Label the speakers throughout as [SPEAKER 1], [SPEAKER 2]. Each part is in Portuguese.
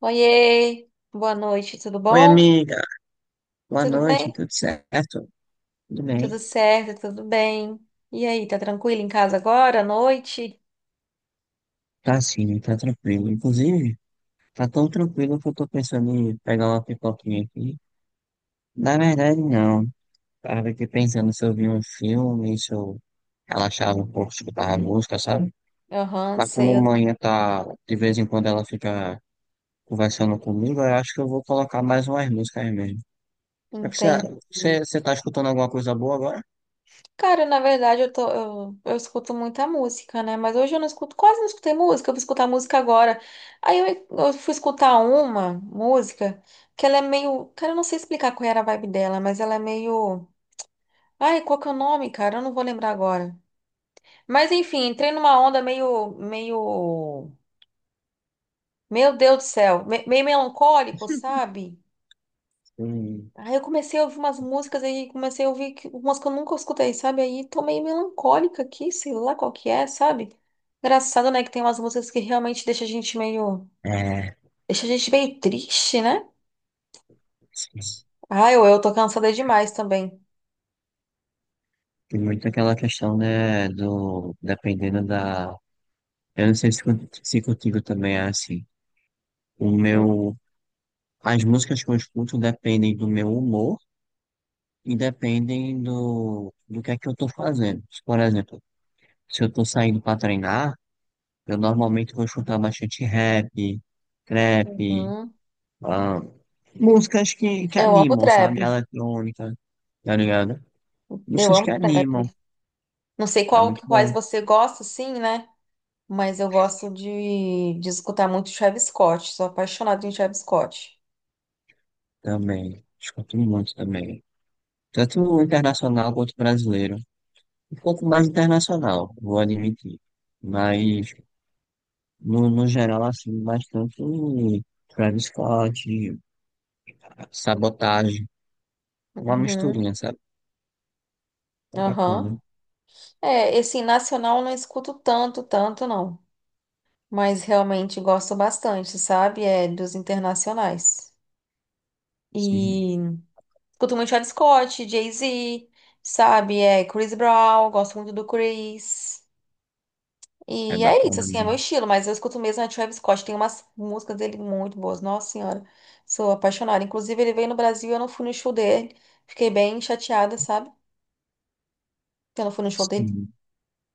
[SPEAKER 1] Oiê, boa noite, tudo
[SPEAKER 2] Oi,
[SPEAKER 1] bom?
[SPEAKER 2] amiga. Boa
[SPEAKER 1] Tudo
[SPEAKER 2] noite,
[SPEAKER 1] bem?
[SPEAKER 2] tudo certo? Tudo
[SPEAKER 1] Tudo
[SPEAKER 2] bem?
[SPEAKER 1] certo, tudo bem. E aí, tá tranquilo em casa agora, à noite?
[SPEAKER 2] Tá sim, tá tranquilo. Inclusive, tá tão tranquilo que eu tô pensando em pegar uma pipoquinha aqui. Na verdade, não. Tava aqui pensando se eu vi um filme, se eu relaxava um pouco, escutava música, sabe?
[SPEAKER 1] Aham,
[SPEAKER 2] Mas
[SPEAKER 1] sei,
[SPEAKER 2] como
[SPEAKER 1] eu
[SPEAKER 2] manhã tá, de vez em quando ela fica conversando comigo, eu acho que eu vou colocar mais umas músicas mesmo. É que você,
[SPEAKER 1] entendo.
[SPEAKER 2] você tá escutando alguma coisa boa agora?
[SPEAKER 1] Cara, na verdade, eu escuto muita música, né? Mas hoje eu não escuto, quase não escutei música, eu vou escutar música agora. Aí eu fui escutar uma música que ela é meio. Cara, eu não sei explicar qual era a vibe dela, mas ela é meio. Ai, qual que é o nome, cara? Eu não vou lembrar agora. Mas enfim, entrei numa onda meio Meu Deus do céu, meio melancólico, sabe?
[SPEAKER 2] Hum.
[SPEAKER 1] Aí eu comecei a ouvir umas músicas aí, comecei a ouvir umas que eu nunca escutei, sabe? Aí tô meio melancólica aqui, sei lá qual que é, sabe? Engraçado, né, que tem umas músicas que realmente deixa a gente meio,
[SPEAKER 2] É.
[SPEAKER 1] deixa a gente meio triste, né? Ah, eu tô cansada demais também.
[SPEAKER 2] Tem muito aquela questão, né, do, dependendo da, eu não sei se, con- se contigo também é assim, o meu, as músicas que eu escuto dependem do meu humor e dependem do, do que é que eu tô fazendo. Se, por exemplo, se eu tô saindo pra treinar, eu normalmente vou escutar bastante rap, trap,
[SPEAKER 1] Hum,
[SPEAKER 2] ah, músicas que
[SPEAKER 1] eu amo
[SPEAKER 2] animam,
[SPEAKER 1] trap.
[SPEAKER 2] sabe? Eletrônica, tá ligado?
[SPEAKER 1] Eu
[SPEAKER 2] Músicas
[SPEAKER 1] amo
[SPEAKER 2] que
[SPEAKER 1] trap.
[SPEAKER 2] animam,
[SPEAKER 1] Não sei
[SPEAKER 2] é muito
[SPEAKER 1] quais
[SPEAKER 2] bom
[SPEAKER 1] você gosta, sim, né? Mas eu gosto de escutar muito Travis Scott. Sou apaixonada em Travis Scott.
[SPEAKER 2] também, escuto muito também. Tanto o internacional quanto o brasileiro. Um pouco mais internacional, vou admitir. Mas, no geral, assim, bastante Travis Scott, Sabotagem, uma
[SPEAKER 1] Uhum,
[SPEAKER 2] misturinha, sabe? É
[SPEAKER 1] aham.
[SPEAKER 2] bacana.
[SPEAKER 1] É, esse nacional eu não escuto tanto, tanto não. Mas realmente gosto bastante, sabe? É dos internacionais.
[SPEAKER 2] Sim,
[SPEAKER 1] E escuto muito Travis Scott, Jay-Z, sabe? É Chris Brown, gosto muito do Chris.
[SPEAKER 2] é
[SPEAKER 1] E é isso,
[SPEAKER 2] bacana
[SPEAKER 1] assim, é meu
[SPEAKER 2] mesmo.
[SPEAKER 1] estilo, mas eu escuto mesmo a Travis Scott. Tem umas músicas dele muito boas, nossa senhora. Sou apaixonada. Inclusive, ele veio no Brasil, e eu não fui no show dele. Fiquei bem chateada, sabe? Que eu não fui no show dele.
[SPEAKER 2] Sim,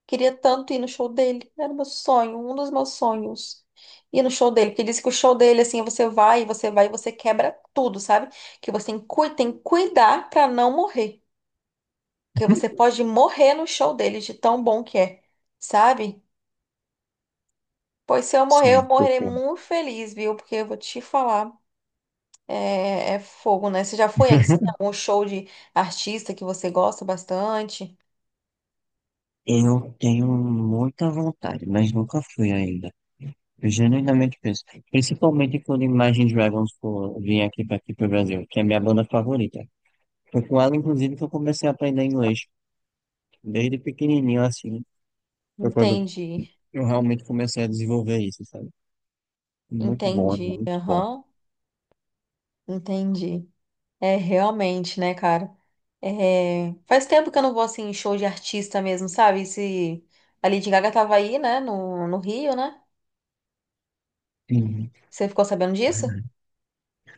[SPEAKER 1] Queria tanto ir no show dele. Era meu sonho, um dos meus sonhos. Ir no show dele, porque disse que o show dele, assim, você vai, você vai, você quebra tudo, sabe? Que você tem, tem que cuidar pra não morrer. Porque você pode morrer no show dele, de tão bom que é, sabe? Pois se eu morrer, eu
[SPEAKER 2] sim,
[SPEAKER 1] morrerei
[SPEAKER 2] concordo.
[SPEAKER 1] muito feliz, viu? Porque eu vou te falar, é fogo, né? Você já foi assim, a algum show de artista que você gosta bastante?
[SPEAKER 2] Eu tenho muita vontade, mas nunca fui ainda. Eu genuinamente penso, principalmente quando Imagine Dragons for, vir aqui para aqui para o Brasil, que é a minha banda favorita. Foi com ela, inclusive, que eu comecei a aprender inglês. Desde pequenininho, assim. Foi quando
[SPEAKER 1] Entendi,
[SPEAKER 2] eu realmente comecei a desenvolver isso, sabe? Muito bom,
[SPEAKER 1] entendi,
[SPEAKER 2] muito bom.
[SPEAKER 1] aham, entendi. É, realmente, né, cara? É, faz tempo que eu não vou, assim, em show de artista mesmo, sabe? Se a Lady Gaga tava aí, né, no Rio, né?
[SPEAKER 2] Sim,
[SPEAKER 1] Você ficou sabendo disso?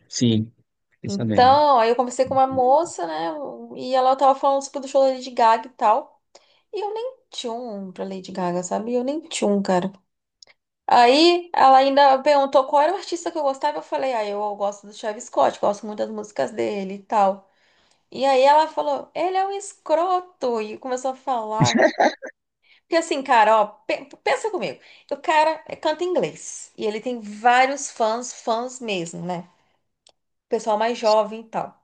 [SPEAKER 2] sim. Fiquei sabendo.
[SPEAKER 1] Então, aí eu conversei com uma moça, né, e ela tava falando sobre o show da Lady Gaga e tal. E eu nem tchum pra Lady Gaga, sabe? Eu nem tchum, cara. Aí ela ainda perguntou qual era o artista que eu gostava. Eu falei, ah, eu gosto do Travis Scott, gosto muito das músicas dele e tal. E aí ela falou, ele é um escroto, e começou a falar. Porque assim, cara, ó, pensa comigo. O cara canta em inglês e ele tem vários fãs, fãs mesmo, né? Pessoal mais jovem e tal.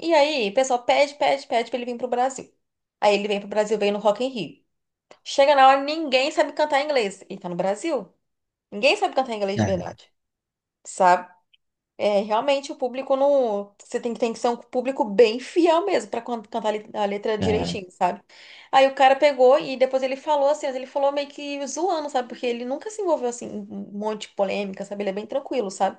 [SPEAKER 1] E aí, o pessoal pede pra ele vir pro Brasil. Aí ele vem pro Brasil, vem no Rock in Rio. Chega na hora, ninguém sabe cantar inglês. Ele tá no Brasil. Ninguém sabe cantar inglês de verdade. É, realmente o público não. Você tem tem que ser um público bem fiel mesmo pra cantar a letra
[SPEAKER 2] É, é.
[SPEAKER 1] direitinho, sabe? Aí o cara pegou e depois ele falou assim, mas ele falou meio que zoando, sabe? Porque ele nunca se envolveu assim em um monte de polêmica, sabe? Ele é bem tranquilo, sabe?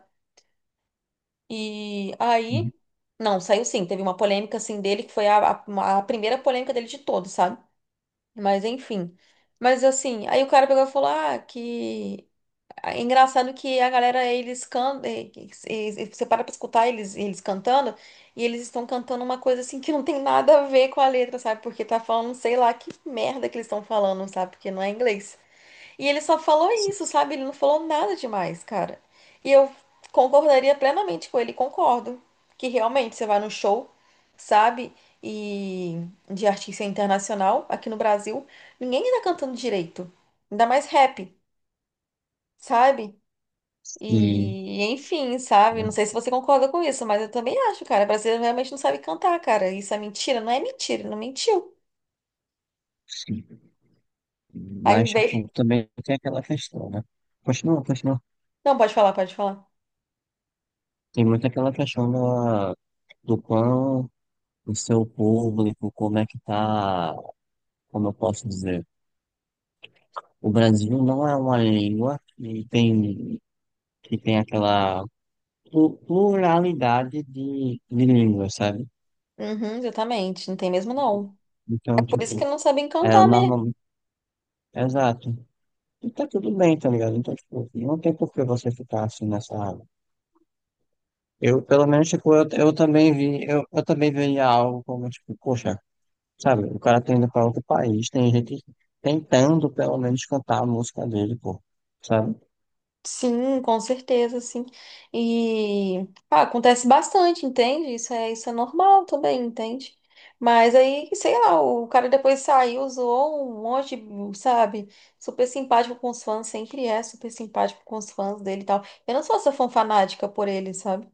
[SPEAKER 1] E aí. Não, saiu sim. Teve uma polêmica assim dele que foi a primeira polêmica dele de todos, sabe? Mas enfim. Mas assim, aí o cara pegou e falou: ah, que. É engraçado que a galera, eles cantam, você para pra escutar eles, eles cantando, e eles estão cantando uma coisa assim que não tem nada a ver com a letra, sabe? Porque tá falando, sei lá, que merda que eles estão falando, sabe? Porque não é inglês. E ele só falou isso, sabe? Ele não falou nada demais, cara. E eu concordaria plenamente com ele, concordo. Que realmente você vai no show, sabe? E de artista internacional, aqui no Brasil, ninguém tá cantando direito. Ainda mais rap, sabe?
[SPEAKER 2] Sim,
[SPEAKER 1] E, enfim, sabe?
[SPEAKER 2] né?
[SPEAKER 1] Não sei se você concorda com isso, mas eu também acho, cara. Brasileiro realmente não sabe cantar, cara. Isso é mentira? Não é mentira, ele não mentiu.
[SPEAKER 2] Sim.
[SPEAKER 1] Aí
[SPEAKER 2] Mas,
[SPEAKER 1] veio.
[SPEAKER 2] tipo, também tem aquela questão, né? Continua, continua.
[SPEAKER 1] Não, pode falar, pode falar.
[SPEAKER 2] Tem muito aquela questão da, do quão o seu público, como é que tá, como eu posso dizer. O Brasil não é uma língua que tem aquela plu- pluralidade de línguas, sabe?
[SPEAKER 1] Uhum, exatamente. Não tem mesmo, não.
[SPEAKER 2] Então,
[SPEAKER 1] Por isso que
[SPEAKER 2] tipo,
[SPEAKER 1] não sabem
[SPEAKER 2] é
[SPEAKER 1] cantar mesmo.
[SPEAKER 2] normal. Exato. E tá tudo bem, tá ligado? Então, tipo, não tem por que você ficar assim nessa água. Eu, pelo menos, tipo, eu também vi, eu também veria algo como, tipo, poxa, sabe, o cara tá indo pra outro país, tem gente tentando, pelo menos, cantar a música dele, pô, sabe?
[SPEAKER 1] Sim, com certeza, sim. E ah, acontece bastante, entende? Isso é normal também, entende? Mas aí, sei lá, o cara depois saiu, zoou um monte, sabe? Super simpático com os fãs, sempre é super simpático com os fãs dele e tal. Eu não sou essa fã fanática por ele, sabe?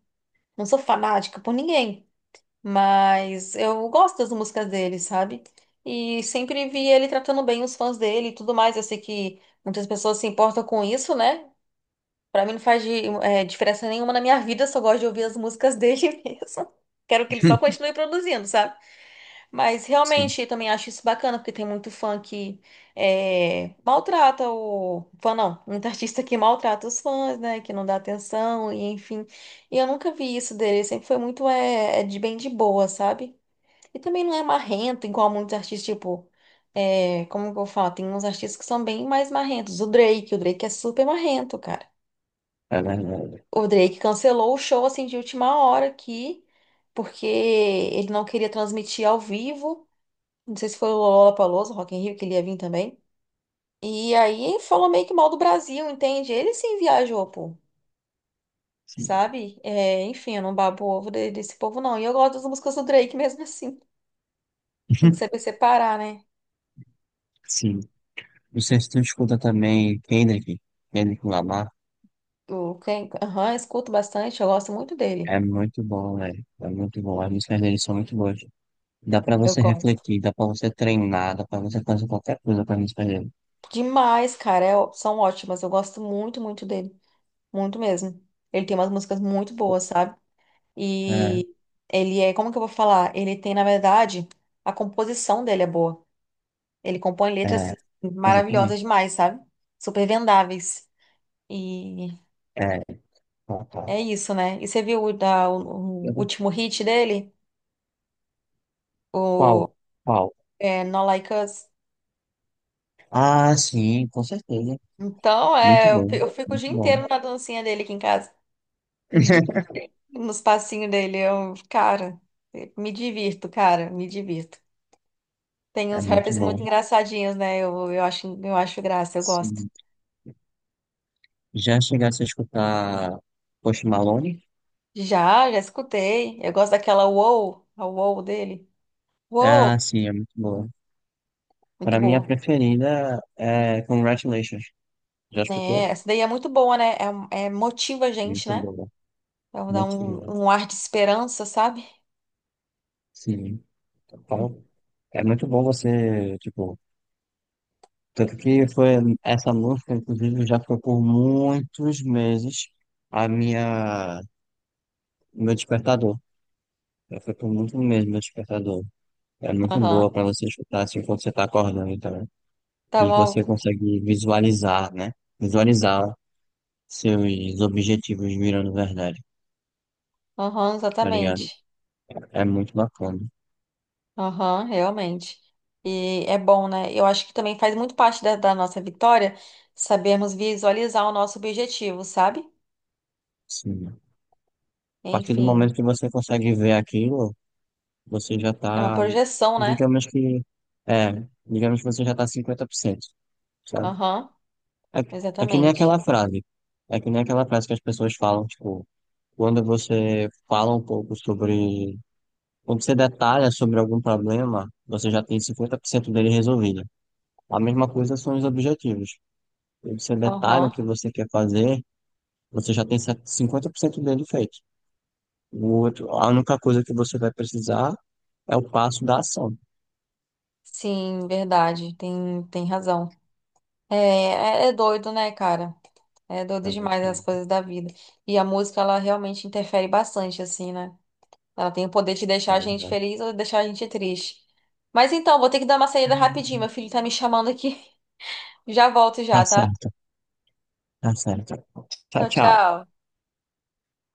[SPEAKER 1] Não sou fanática por ninguém, mas eu gosto das músicas dele, sabe? E sempre vi ele tratando bem os fãs dele e tudo mais. Eu sei que muitas pessoas se importam com isso, né? Pra mim não faz diferença nenhuma na minha vida, eu só gosto de ouvir as músicas dele mesmo. Quero que ele só continue produzindo, sabe? Mas
[SPEAKER 2] Sim,
[SPEAKER 1] realmente eu também acho isso bacana, porque tem muito fã que é, maltrata o. Fã não, muito artista que maltrata os fãs, né? Que não dá atenção, e enfim. E eu nunca vi isso dele, ele sempre foi muito é de bem de boa, sabe? E também não é marrento, igual muitos artistas, tipo. É, como que eu falo? Tem uns artistas que são bem mais marrentos. O Drake é super marrento, cara.
[SPEAKER 2] é verdade.
[SPEAKER 1] O Drake cancelou o show assim de última hora aqui, porque ele não queria transmitir ao vivo. Não sei se foi o Lollapalooza, Rock in Rio, que ele ia vir também. E aí falou meio que mal do Brasil, entende? Ele sim viajou, pô,
[SPEAKER 2] Sim.
[SPEAKER 1] sabe? É, enfim, eu não babo ovo desse povo, não. E eu gosto das músicas do Drake mesmo assim. Tem que saber separar, né?
[SPEAKER 2] Sim. Não sei se tu escuta também Kendrick, Kendrick Lamar.
[SPEAKER 1] Eu quem, aham, escuto bastante, eu gosto muito dele.
[SPEAKER 2] É muito bom, né? É muito bom. As músicas deles são muito boas. Dá pra
[SPEAKER 1] Eu
[SPEAKER 2] você
[SPEAKER 1] gosto
[SPEAKER 2] refletir, dá pra você treinar, dá pra você fazer qualquer coisa com as músicas dele.
[SPEAKER 1] demais, cara. São ótimas. Eu gosto muito, muito dele. Muito mesmo. Ele tem umas músicas muito boas, sabe?
[SPEAKER 2] É,
[SPEAKER 1] E ele é, como que eu vou falar? Ele tem, na verdade, a composição dele é boa. Ele compõe letras
[SPEAKER 2] é,
[SPEAKER 1] maravilhosas
[SPEAKER 2] exatamente.
[SPEAKER 1] demais, sabe? Super vendáveis. E
[SPEAKER 2] É, qual, qual?
[SPEAKER 1] é isso, né? E você viu o último hit dele? O
[SPEAKER 2] Qual? Qual?
[SPEAKER 1] Not Like Us?
[SPEAKER 2] Ah, sim, com certeza.
[SPEAKER 1] Então,
[SPEAKER 2] Muito
[SPEAKER 1] é,
[SPEAKER 2] bom,
[SPEAKER 1] eu fico o dia
[SPEAKER 2] muito bom.
[SPEAKER 1] inteiro na dancinha dele aqui em casa. O Nos passinhos dele. Eu, cara, me divirto, cara, me divirto. Tem
[SPEAKER 2] É
[SPEAKER 1] uns
[SPEAKER 2] muito
[SPEAKER 1] rappers muito
[SPEAKER 2] bom.
[SPEAKER 1] engraçadinhos, né? Eu acho graça, eu gosto.
[SPEAKER 2] Sim. Já chegasse a escutar Post Malone?
[SPEAKER 1] Já escutei. Eu gosto daquela Wow, a Wow dele. Wow,
[SPEAKER 2] Ah, sim, é muito boa.
[SPEAKER 1] muito
[SPEAKER 2] Pra mim, a
[SPEAKER 1] boa.
[SPEAKER 2] preferida é Congratulations. Já
[SPEAKER 1] É,
[SPEAKER 2] escutou?
[SPEAKER 1] essa daí é muito boa, né? Motiva a gente,
[SPEAKER 2] Muito
[SPEAKER 1] né?
[SPEAKER 2] boa,
[SPEAKER 1] Então dá
[SPEAKER 2] muito boa.
[SPEAKER 1] um ar de esperança, sabe?
[SPEAKER 2] Sim. Então, é muito bom você, tipo, tanto que foi essa música, inclusive, já foi por muitos meses a minha, meu despertador. Já foi por muitos meses meu despertador. É muito boa
[SPEAKER 1] Aham.
[SPEAKER 2] para você escutar assim quando você está acordando também.
[SPEAKER 1] Tá
[SPEAKER 2] E você
[SPEAKER 1] bom.
[SPEAKER 2] consegue visualizar, né? Visualizar seus objetivos virando verdade,
[SPEAKER 1] Aham,
[SPEAKER 2] tá ligado?
[SPEAKER 1] exatamente.
[SPEAKER 2] É muito bacana.
[SPEAKER 1] Aham, realmente. E é bom, né? Eu acho que também faz muito parte da nossa vitória sabermos visualizar o nosso objetivo, sabe?
[SPEAKER 2] Sim. A partir do
[SPEAKER 1] Enfim,
[SPEAKER 2] momento que você consegue ver aquilo, você já
[SPEAKER 1] é uma
[SPEAKER 2] tá,
[SPEAKER 1] projeção, né?
[SPEAKER 2] digamos que, é, digamos que você já tá 50%, sabe?
[SPEAKER 1] Aham,
[SPEAKER 2] É, é que nem
[SPEAKER 1] exatamente.
[SPEAKER 2] aquela frase, é que nem aquela frase que as pessoas falam, tipo, quando você fala um pouco sobre, quando você detalha sobre algum problema, você já tem 50% dele resolvido. A mesma coisa são os objetivos. Quando você detalha o
[SPEAKER 1] Aham.
[SPEAKER 2] que você quer fazer, você já tem 50% dele feito. O outro, a única coisa que você vai precisar é o passo da ação.
[SPEAKER 1] Sim, verdade. Tem razão. É doido, né, cara? É doido
[SPEAKER 2] É muito,
[SPEAKER 1] demais as coisas da vida. E a música, ela realmente interfere bastante, assim, né? Ela tem o poder de deixar a gente feliz ou deixar a gente triste. Mas então, vou ter que dar uma saída rapidinho. Meu filho tá me chamando aqui. Já volto já,
[SPEAKER 2] tá
[SPEAKER 1] tá?
[SPEAKER 2] certo, tá certo. Tchau,
[SPEAKER 1] Tchau,
[SPEAKER 2] tchau.
[SPEAKER 1] tchau.